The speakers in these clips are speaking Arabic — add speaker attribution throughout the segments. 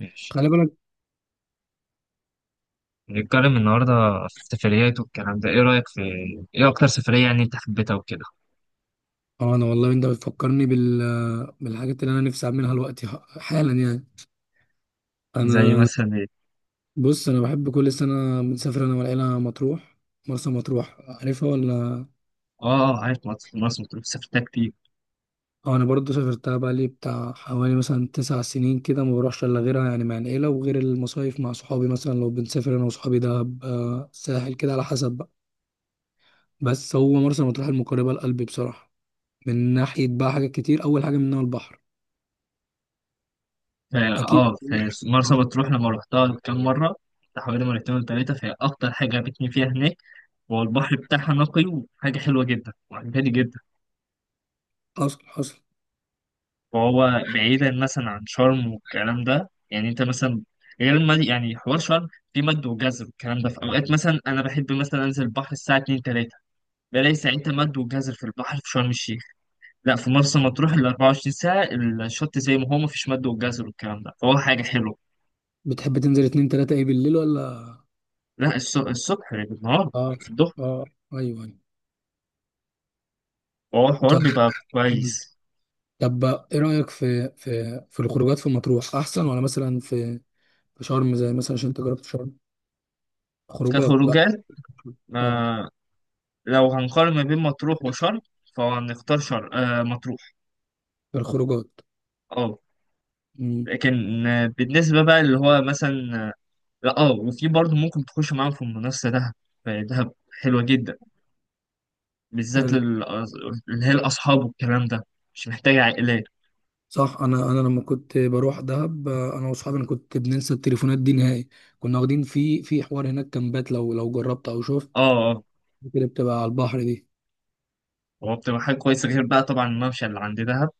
Speaker 1: ماشي.
Speaker 2: خلي بالك.
Speaker 1: نتكلم النهاردة في السفريات والكلام ده. ايه رأيك في ايه أكتر سفرية يعني انت حبيتها وكده؟
Speaker 2: اه انا والله انت بتفكرني بالحاجات اللي انا نفسي اعملها دلوقتي، حالا يعني.
Speaker 1: زي
Speaker 2: انا
Speaker 1: مثلا ايه؟
Speaker 2: بص، انا بحب كل سنه بنسافر انا والعيله مطروح، مرسى مطروح، عارفها ولا؟
Speaker 1: اه اه، عارف مرسى مطروح، سافرتها كتير.
Speaker 2: اه، انا برضو سافرتها بقى لي بتاع حوالي مثلا 9 سنين كده، ما بروحش الا غيرها يعني مع العيله، وغير المصايف مع صحابي. مثلا لو بنسافر انا وصحابي دهب، ساحل كده على حسب بقى. بس هو مرسى مطروح المقربه لقلبي بصراحه، من ناحيه بقى حاجات كتير، اول حاجه منها البحر.
Speaker 1: فا
Speaker 2: اكيد
Speaker 1: اه في مرسى
Speaker 2: اه.
Speaker 1: مطروح لما روحتها كام مرة، بتاع حوالي مرتين ولا تلاتة، فهي أكتر حاجة عجبتني فيها هناك هو البحر بتاعها، نقي وحاجة حلوة جدا وعجباني جدا.
Speaker 2: حصل حصل.
Speaker 1: وهو بعيدا مثلا عن شرم والكلام ده، يعني انت مثلا غير المد... يعني حوار شرم في مد وجزر والكلام ده، في أوقات مثلا أنا بحب مثلا أنزل البحر الساعة 2 3 بلاقي ساعتها مد والجزر في البحر في شرم الشيخ. لا في مرسى مطروح ال 24 ساعة الشط زي ما هو، مفيش مد والجزر والكلام ده، فهو حاجة حلوة.
Speaker 2: بتحب تنزل اتنين تلاتة ايه، بالليل ولا؟
Speaker 1: لا، الصبح بالنهار،
Speaker 2: اه،
Speaker 1: في الظهر.
Speaker 2: اه. ايوه، أيوة.
Speaker 1: فهو الحوار بيبقى
Speaker 2: طب،
Speaker 1: كويس.
Speaker 2: ايه رأيك في الخروجات، في مطروح احسن ولا مثلا في شرم؟ زي مثلا عشان انت جربت شرم، خروجات بقى.
Speaker 1: كخروجات، ما
Speaker 2: اه،
Speaker 1: لو هنقارن ما بين مطروح وشرم فهنختار شرم. آه، مطروح.
Speaker 2: الخروجات.
Speaker 1: اه.
Speaker 2: امم
Speaker 1: لكن بالنسبة بقى اللي هو مثلا لا اه، وفي برضه ممكن تخش معاهم في المنافسة دهب. دهب حلوة جدا، بالذات
Speaker 2: حلو.
Speaker 1: اللي هي الأصحاب والكلام ده، مش محتاجة عائلات.
Speaker 2: صح، انا لما كنت بروح دهب، انا واصحابي، انا كنت بننسى التليفونات دي نهائي. كنا واخدين في حوار هناك كامبات، لو جربت او
Speaker 1: اه
Speaker 2: شفت
Speaker 1: اه.
Speaker 2: اللي بتبقى على البحر دي.
Speaker 1: هو بتبقى حاجة كويسة، غير بقى طبعا الممشى اللي عند دهب،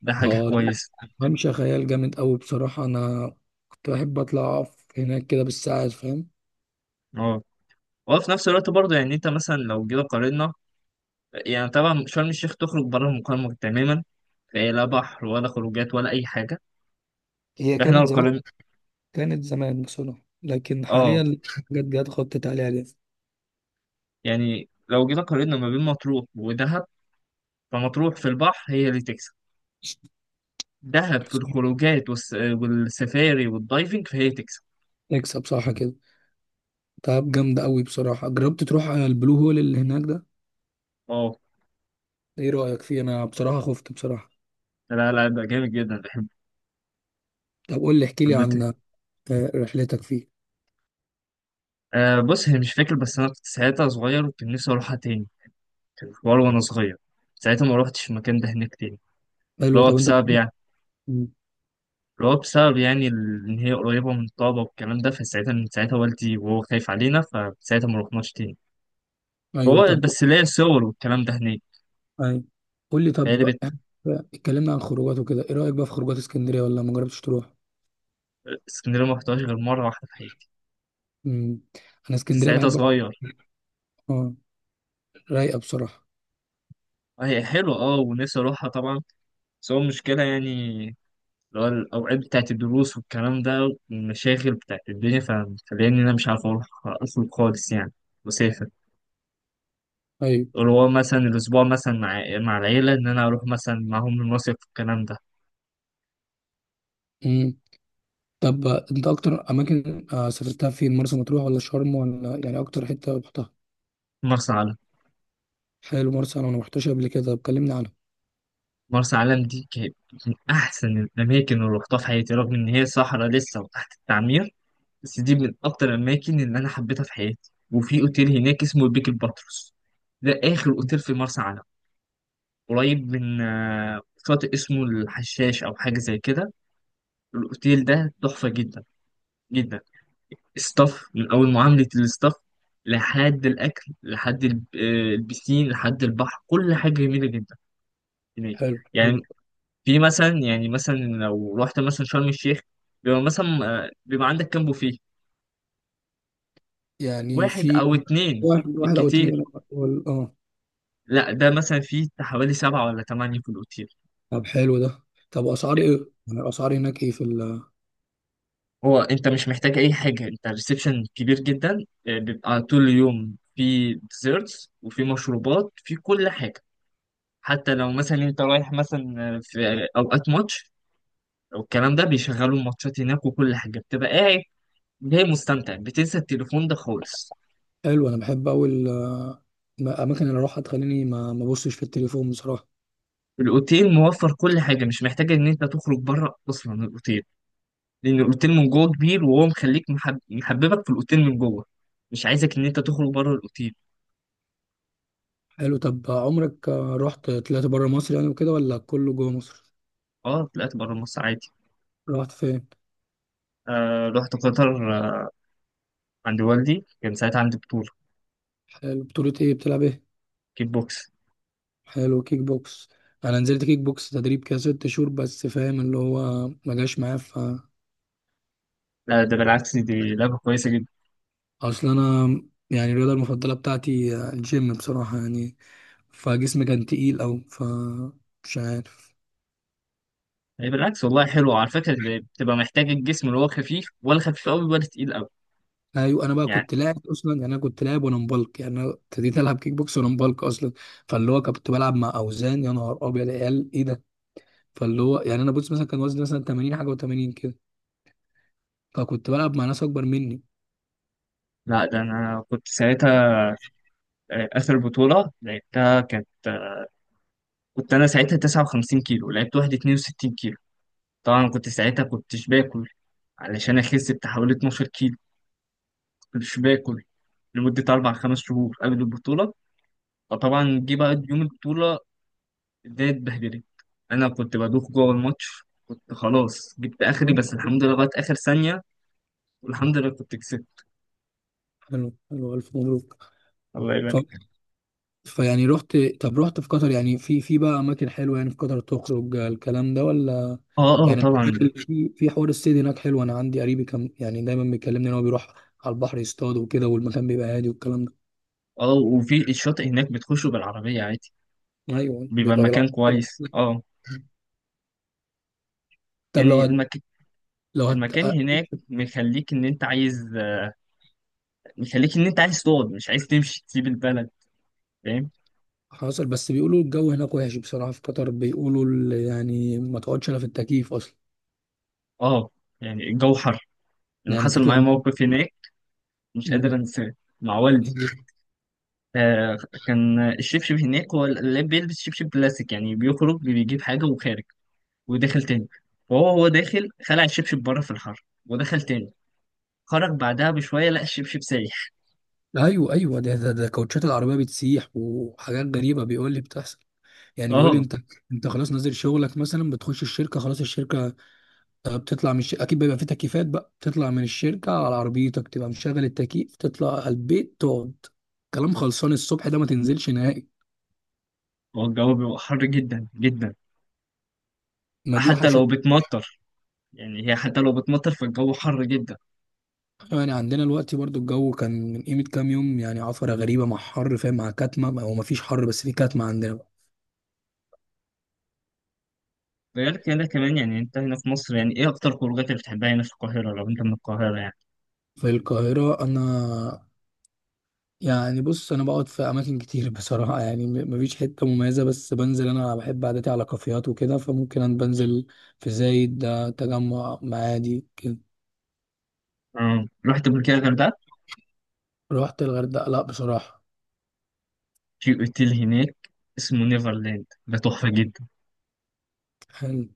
Speaker 1: ده حاجة
Speaker 2: اه،
Speaker 1: كويسة.
Speaker 2: ممشى خيال جامد أوي بصراحة، أنا كنت بحب أطلع أقف هناك كده بالساعات، فاهم.
Speaker 1: اه. وفي نفس الوقت برضه يعني انت مثلا لو جينا قارنا، يعني طبعا شرم الشيخ تخرج بره المقارنة تماما، فهي لا بحر ولا خروجات ولا أي حاجة.
Speaker 2: هي
Speaker 1: فاحنا
Speaker 2: كانت
Speaker 1: لو
Speaker 2: زمان،
Speaker 1: قارنا،
Speaker 2: كانت زمان بصراحة، لكن حاليا
Speaker 1: اه
Speaker 2: الحاجات جت خطت عليها ليه.
Speaker 1: يعني لو جينا قارنا ما بين مطروح ودهب، فمطروح في البحر هي اللي تكسب، دهب في الخروجات والسفاري والدايفنج فهي تكسب.
Speaker 2: نكسب صح كده. تعب جامدة أوي بصراحة. جربت تروح على البلو هول اللي هناك ده؟
Speaker 1: اه.
Speaker 2: إيه رأيك فيه؟ أنا بصراحة خفت بصراحة.
Speaker 1: لا لا، ده جامد جدا، بحبه،
Speaker 2: طب قول لي، احكي لي
Speaker 1: حبيته.
Speaker 2: عن رحلتك فيه.
Speaker 1: آه بص، هي مش فاكر، بس انا كنت ساعتها صغير وكان نفسي اروحها تاني. كان في حوار وانا صغير، ساعتها ما روحتش المكان ده هناك تاني.
Speaker 2: حلو.
Speaker 1: اللي هو
Speaker 2: طب أنت
Speaker 1: بسبب يعني
Speaker 2: مم.
Speaker 1: اللي هو بسبب يعني ان هي قريبه من الطابه والكلام ده، فساعتها من ساعتها والدي وهو خايف علينا، فساعتها ما روحناش تاني.
Speaker 2: أيوه.
Speaker 1: هو
Speaker 2: طب
Speaker 1: بس ليا صور والكلام ده هناك.
Speaker 2: أيوه، قول لي.
Speaker 1: بقالي
Speaker 2: طب
Speaker 1: بت.
Speaker 2: اتكلمنا عن خروجات وكده، إيه رأيك بقى في خروجات اسكندرية، ولا ما جربتش تروح؟
Speaker 1: اسكندريه ما رحتهاش غير مره واحده في حياتي،
Speaker 2: مم. أنا
Speaker 1: كنت
Speaker 2: اسكندرية
Speaker 1: ساعتها
Speaker 2: بحب.
Speaker 1: صغير.
Speaker 2: اه، رايقة بصراحة.
Speaker 1: هي حلوه اه، ونفسي اروحها طبعا. بس هو المشكله يعني اللي هو الاوقات بتاعت الدروس والكلام ده والمشاغل بتاعت الدنيا، فمخليني إن انا مش عارف اروح اصلا خالص يعني. مسافر
Speaker 2: أيوة.
Speaker 1: اللي هو مثلا الأسبوع مثلا مع العيلة، إن أنا أروح مثلا معاهم المصيف والكلام ده.
Speaker 2: مم. طب أنت أكتر أماكن سافرتها فين؟ مرسى مطروح ولا شرم ولا، يعني أكتر حتة رحتها؟
Speaker 1: مرسى علم.
Speaker 2: حلو، مرسى أنا ما رحتهاش قبل كده، طب كلمني عنها.
Speaker 1: مرسى علم دي كانت من أحسن الأماكن اللي روحتها في حياتي، رغم إن هي صحراء لسه وتحت التعمير، بس دي من أكتر الأماكن اللي أنا حبيتها في حياتي. وفي أوتيل هناك اسمه البيك الباتروس، ده آخر
Speaker 2: مم.
Speaker 1: أوتيل في مرسى علم. قريب من شاطئ اسمه الحشاش أو حاجة زي كده. الأوتيل ده تحفة جدا جدا. ستاف، من اول معامله الستاف لحد الاكل لحد البسين لحد البحر، كل حاجه جميله جدا هناك.
Speaker 2: حلو.
Speaker 1: يعني في مثلا، يعني مثلا لو رحت مثلا شرم الشيخ بيبقى مثلا بيبقى عندك كام بوفيه،
Speaker 2: يعني
Speaker 1: واحد
Speaker 2: في
Speaker 1: او اتنين
Speaker 2: واحد أو
Speaker 1: بالكتير.
Speaker 2: اتنين. اه.
Speaker 1: لا ده مثلا فيه حوالي سبعة ولا تمانية في الأوتيل.
Speaker 2: طب حلو ده. طب أسعار
Speaker 1: لا،
Speaker 2: إيه، يعني الأسعار هناك إيه؟ في
Speaker 1: هو انت مش محتاج اي حاجه، انت الريسبشن كبير جدا، بيبقى طول اليوم في ديزيرتس وفي مشروبات، في كل حاجه. حتى لو مثلا انت رايح مثلا في اوقات ماتش والكلام ده، بيشغلوا الماتشات هناك، وكل حاجه بتبقى قاعد جاي مستمتع، بتنسى التليفون ده خالص.
Speaker 2: حلو، أنا بحب أوي الأماكن اللي أروحها تخليني ما أبصش في التليفون بصراحة.
Speaker 1: الاوتيل موفر كل حاجه، مش محتاج ان انت تخرج بره اصلا الاوتيل، لان الاوتيل من جوه كبير، وهو مخليك محببك في الاوتيل من جوه، مش عايزك ان انت تخرج بره الاوتيل.
Speaker 2: حلو. طب عمرك طلعت بره مصر يعني وكده، ولا كله جوه مصر؟
Speaker 1: اه، طلعت بره مصر عادي.
Speaker 2: رحت فين؟
Speaker 1: آه، رحت قطر. آه، عند والدي، كان ساعتها عندي بطوله.
Speaker 2: حلو، بطولة ايه، بتلعب ايه؟
Speaker 1: كيك بوكس.
Speaker 2: حلو، كيك بوكس. انا نزلت كيك بوكس تدريب كده 6 شهور بس، فاهم، اللي هو ما جاش معايا،
Speaker 1: لا ده بالعكس، دي لعبه كويسه جدا.
Speaker 2: اصل انا يعني الرياضة المفضلة بتاعتي الجيم بصراحة يعني. فجسمي كان تقيل، او مش عارف.
Speaker 1: هي بالعكس والله، حلو على فكرة. بتبقى محتاج الجسم اللي هو خفيف، ولا خفيف قوي ولا تقيل قوي؟
Speaker 2: ايوه، انا بقى
Speaker 1: يعني
Speaker 2: كنت لاعب اصلا يعني، انا كنت لاعب وانا مبلك يعني، انا ابتديت العب كيك بوكس وانا مبلك اصلا. فاللي هو كنت بلعب مع اوزان، يا نهار ابيض يا عيال ايه ده. فاللي هو يعني، انا بص مثلا كان وزني مثلا 80 حاجه و80 كده، فكنت بلعب مع ناس اكبر
Speaker 1: لا، ده انا كنت ساعتها اخر بطولة لعبتها كانت، كنت انا ساعتها 59 كيلو، لعبت واحد 62 كيلو. طبعا كنت ساعتها كنتش باكل علشان اخس بتاع حوالي 12 كيلو، كنتش باكل لمدة أربع خمس شهور قبل البطولة. فطبعا جه بقى يوم البطولة، الدنيا اتبهدلت. أنا كنت بدوخ جوه الماتش، كنت خلاص جبت آخري،
Speaker 2: مني.
Speaker 1: بس الحمد لله لغاية آخر ثانية والحمد لله كنت كسبت.
Speaker 2: حلو حلو، ألف مبروك.
Speaker 1: الله
Speaker 2: ف...
Speaker 1: يبارك.
Speaker 2: فيعني رحت، طب رحت في قطر، يعني في بقى أماكن حلوة يعني في قطر تخرج الكلام ده ولا؟
Speaker 1: اه اه
Speaker 2: يعني
Speaker 1: طبعا، ده
Speaker 2: في حوار الصيد هناك حلو. أنا عندي قريبي كان يعني دايما بيكلمني إن هو بيروح على البحر يصطاد وكده، والمكان بيبقى هادي والكلام ده.
Speaker 1: اه وفي الشاطئ هناك بتخشوا بالعربية عادي،
Speaker 2: أيوه،
Speaker 1: بيبقى
Speaker 2: بيبقى
Speaker 1: المكان
Speaker 2: بالعكس كده.
Speaker 1: كويس. اه،
Speaker 2: طب
Speaker 1: يعني
Speaker 2: لو هت...
Speaker 1: المكان هناك مخليك ان انت عايز، مخليك ان انت عايز تقعد، مش عايز تمشي تسيب البلد، فاهم.
Speaker 2: حصل. بس بيقولوا الجو هناك وحش بصراحة. في قطر بيقولوا يعني ما تقعدش إلا في التكييف أصلا،
Speaker 1: اه، يعني الجو حر. انا
Speaker 2: يعني
Speaker 1: حصل معايا
Speaker 2: تطلع.
Speaker 1: موقف هناك مش قادر
Speaker 2: مم.
Speaker 1: انساه، مع والدي. آه، كان الشبشب هناك، هو اللي بيلبس شبشب بلاستيك، يعني بيخرج بيجيب حاجة وخارج وداخل تاني. فهو، هو داخل خلع الشبشب بره في الحر ودخل تاني، خرج بعدها بشوية لقى الشبشب سايح.
Speaker 2: ايوه، ايوه، ده كوتشات العربيه بتسيح وحاجات غريبه، بيقول لي بتحصل. يعني بيقول لي
Speaker 1: اه،
Speaker 2: انت، خلاص نازل شغلك مثلا، بتخش الشركه، خلاص الشركه، بتطلع من الشركه، اكيد بيبقى في تكييفات بقى، بتطلع من الشركه على عربيتك تبقى مشغل التكييف، تطلع على البيت تقعد. كلام خلصان الصبح ده ما تنزلش نهائي.
Speaker 1: هو الجو بيبقى حر جدا جدا،
Speaker 2: ما دي
Speaker 1: حتى لو
Speaker 2: وحشت.
Speaker 1: بتمطر. يعني هي حتى لو بتمطر، فالجو حر جدا.
Speaker 2: يعني عندنا الوقت برضو الجو كان من قيمه كام يوم يعني، عفره غريبه مع حر فاهم، مع كتمه، او ما فيش حر بس في كتمه عندنا بقى.
Speaker 1: ده غير كده كمان. يعني انت هنا في مصر، يعني ايه اكتر خروجات اللي بتحبها هنا في القاهرة لو انت من القاهرة يعني؟
Speaker 2: في القاهره انا، يعني بص انا بقعد في اماكن كتير بصراحه، يعني مفيش حته مميزه، بس بنزل انا بحب عادتي على كافيهات وكده، فممكن انا بنزل في زايد ده، تجمع معادي كده.
Speaker 1: اه، رحت قبل كده الغردقة،
Speaker 2: رحت الغردقه، لا بصراحه.
Speaker 1: في اوتيل هناك اسمه نيفرلاند، ده تحفة جدا.
Speaker 2: حلو.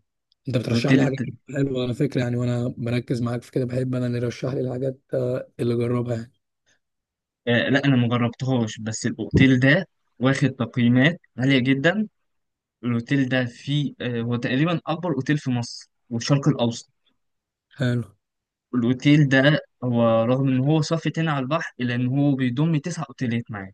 Speaker 2: انت بترشح لي طب
Speaker 1: الاوتيل
Speaker 2: حاجات
Speaker 1: ده،
Speaker 2: كتير حلوه على فكره يعني، وانا بركز معاك في كده، بحب انا اللي يرشح لي الحاجات اللي اجربها يعني.
Speaker 1: آه لا انا مجربتهاش، بس الاوتيل ده واخد تقييمات عالية جدا. الاوتيل ده فيه آه، هو تقريبا اكبر اوتيل في مصر والشرق الاوسط.
Speaker 2: حلو.
Speaker 1: الأوتيل ده هو، رغم إن هو صافي تاني على البحر، إلا إن هو بيضم تسع أوتيلات معاه.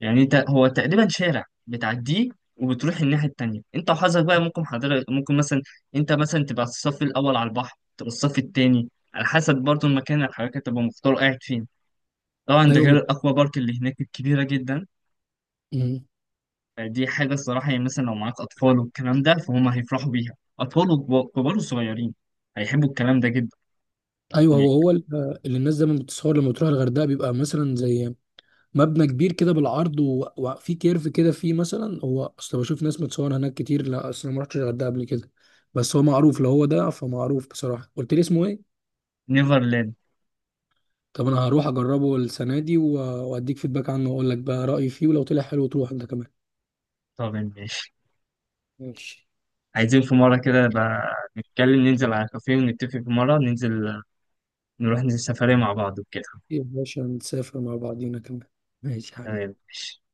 Speaker 1: يعني أنت، هو تقريبا شارع بتعديه وبتروح الناحية التانية، أنت وحظك بقى. ممكن حضرتك ممكن مثلا أنت مثلا تبقى الصف الأول على البحر، تبقى الصف التاني، على حسب برضه المكان اللي حضرتك تبقى مختار قاعد فين. طبعا ده
Speaker 2: ايوه
Speaker 1: غير الأكوا بارك اللي هناك الكبيرة جدا.
Speaker 2: مم.
Speaker 1: دي حاجة الصراحة يعني، مثلا لو معاك أطفال والكلام ده، فهم هيفرحوا بيها، أطفال وكبار وصغيرين هيحبوا الكلام ده جدا.
Speaker 2: ايوه،
Speaker 1: هناك.
Speaker 2: هو اللي الناس دايما بتصور لما بتروح الغردقه، بيبقى مثلا زي مبنى كبير كده بالعرض، وفي كيرف كده فيه مثلا، هو اصل بشوف ناس متصور هناك كتير، لا اصل انا ما رحتش الغردقه قبل كده، بس هو معروف لو هو ده، فمعروف بصراحه. قلت لي اسمه ايه؟
Speaker 1: نيفرلاند.
Speaker 2: طب انا هروح اجربه السنه دي واديك فيدباك عنه، واقول لك بقى رايي فيه، ولو طلع حلو تروح انت كمان.
Speaker 1: طب ماشي.
Speaker 2: ماشي.
Speaker 1: عايزين في مرة كده بقى نتكلم ننزل على كافيه، ونتفق في مرة ننزل نروح، ننزل سفرية مع بعض وكده.
Speaker 2: يا باشا نسافر مع بعضينا كمان، ماشي يا حبيبي.
Speaker 1: تمام.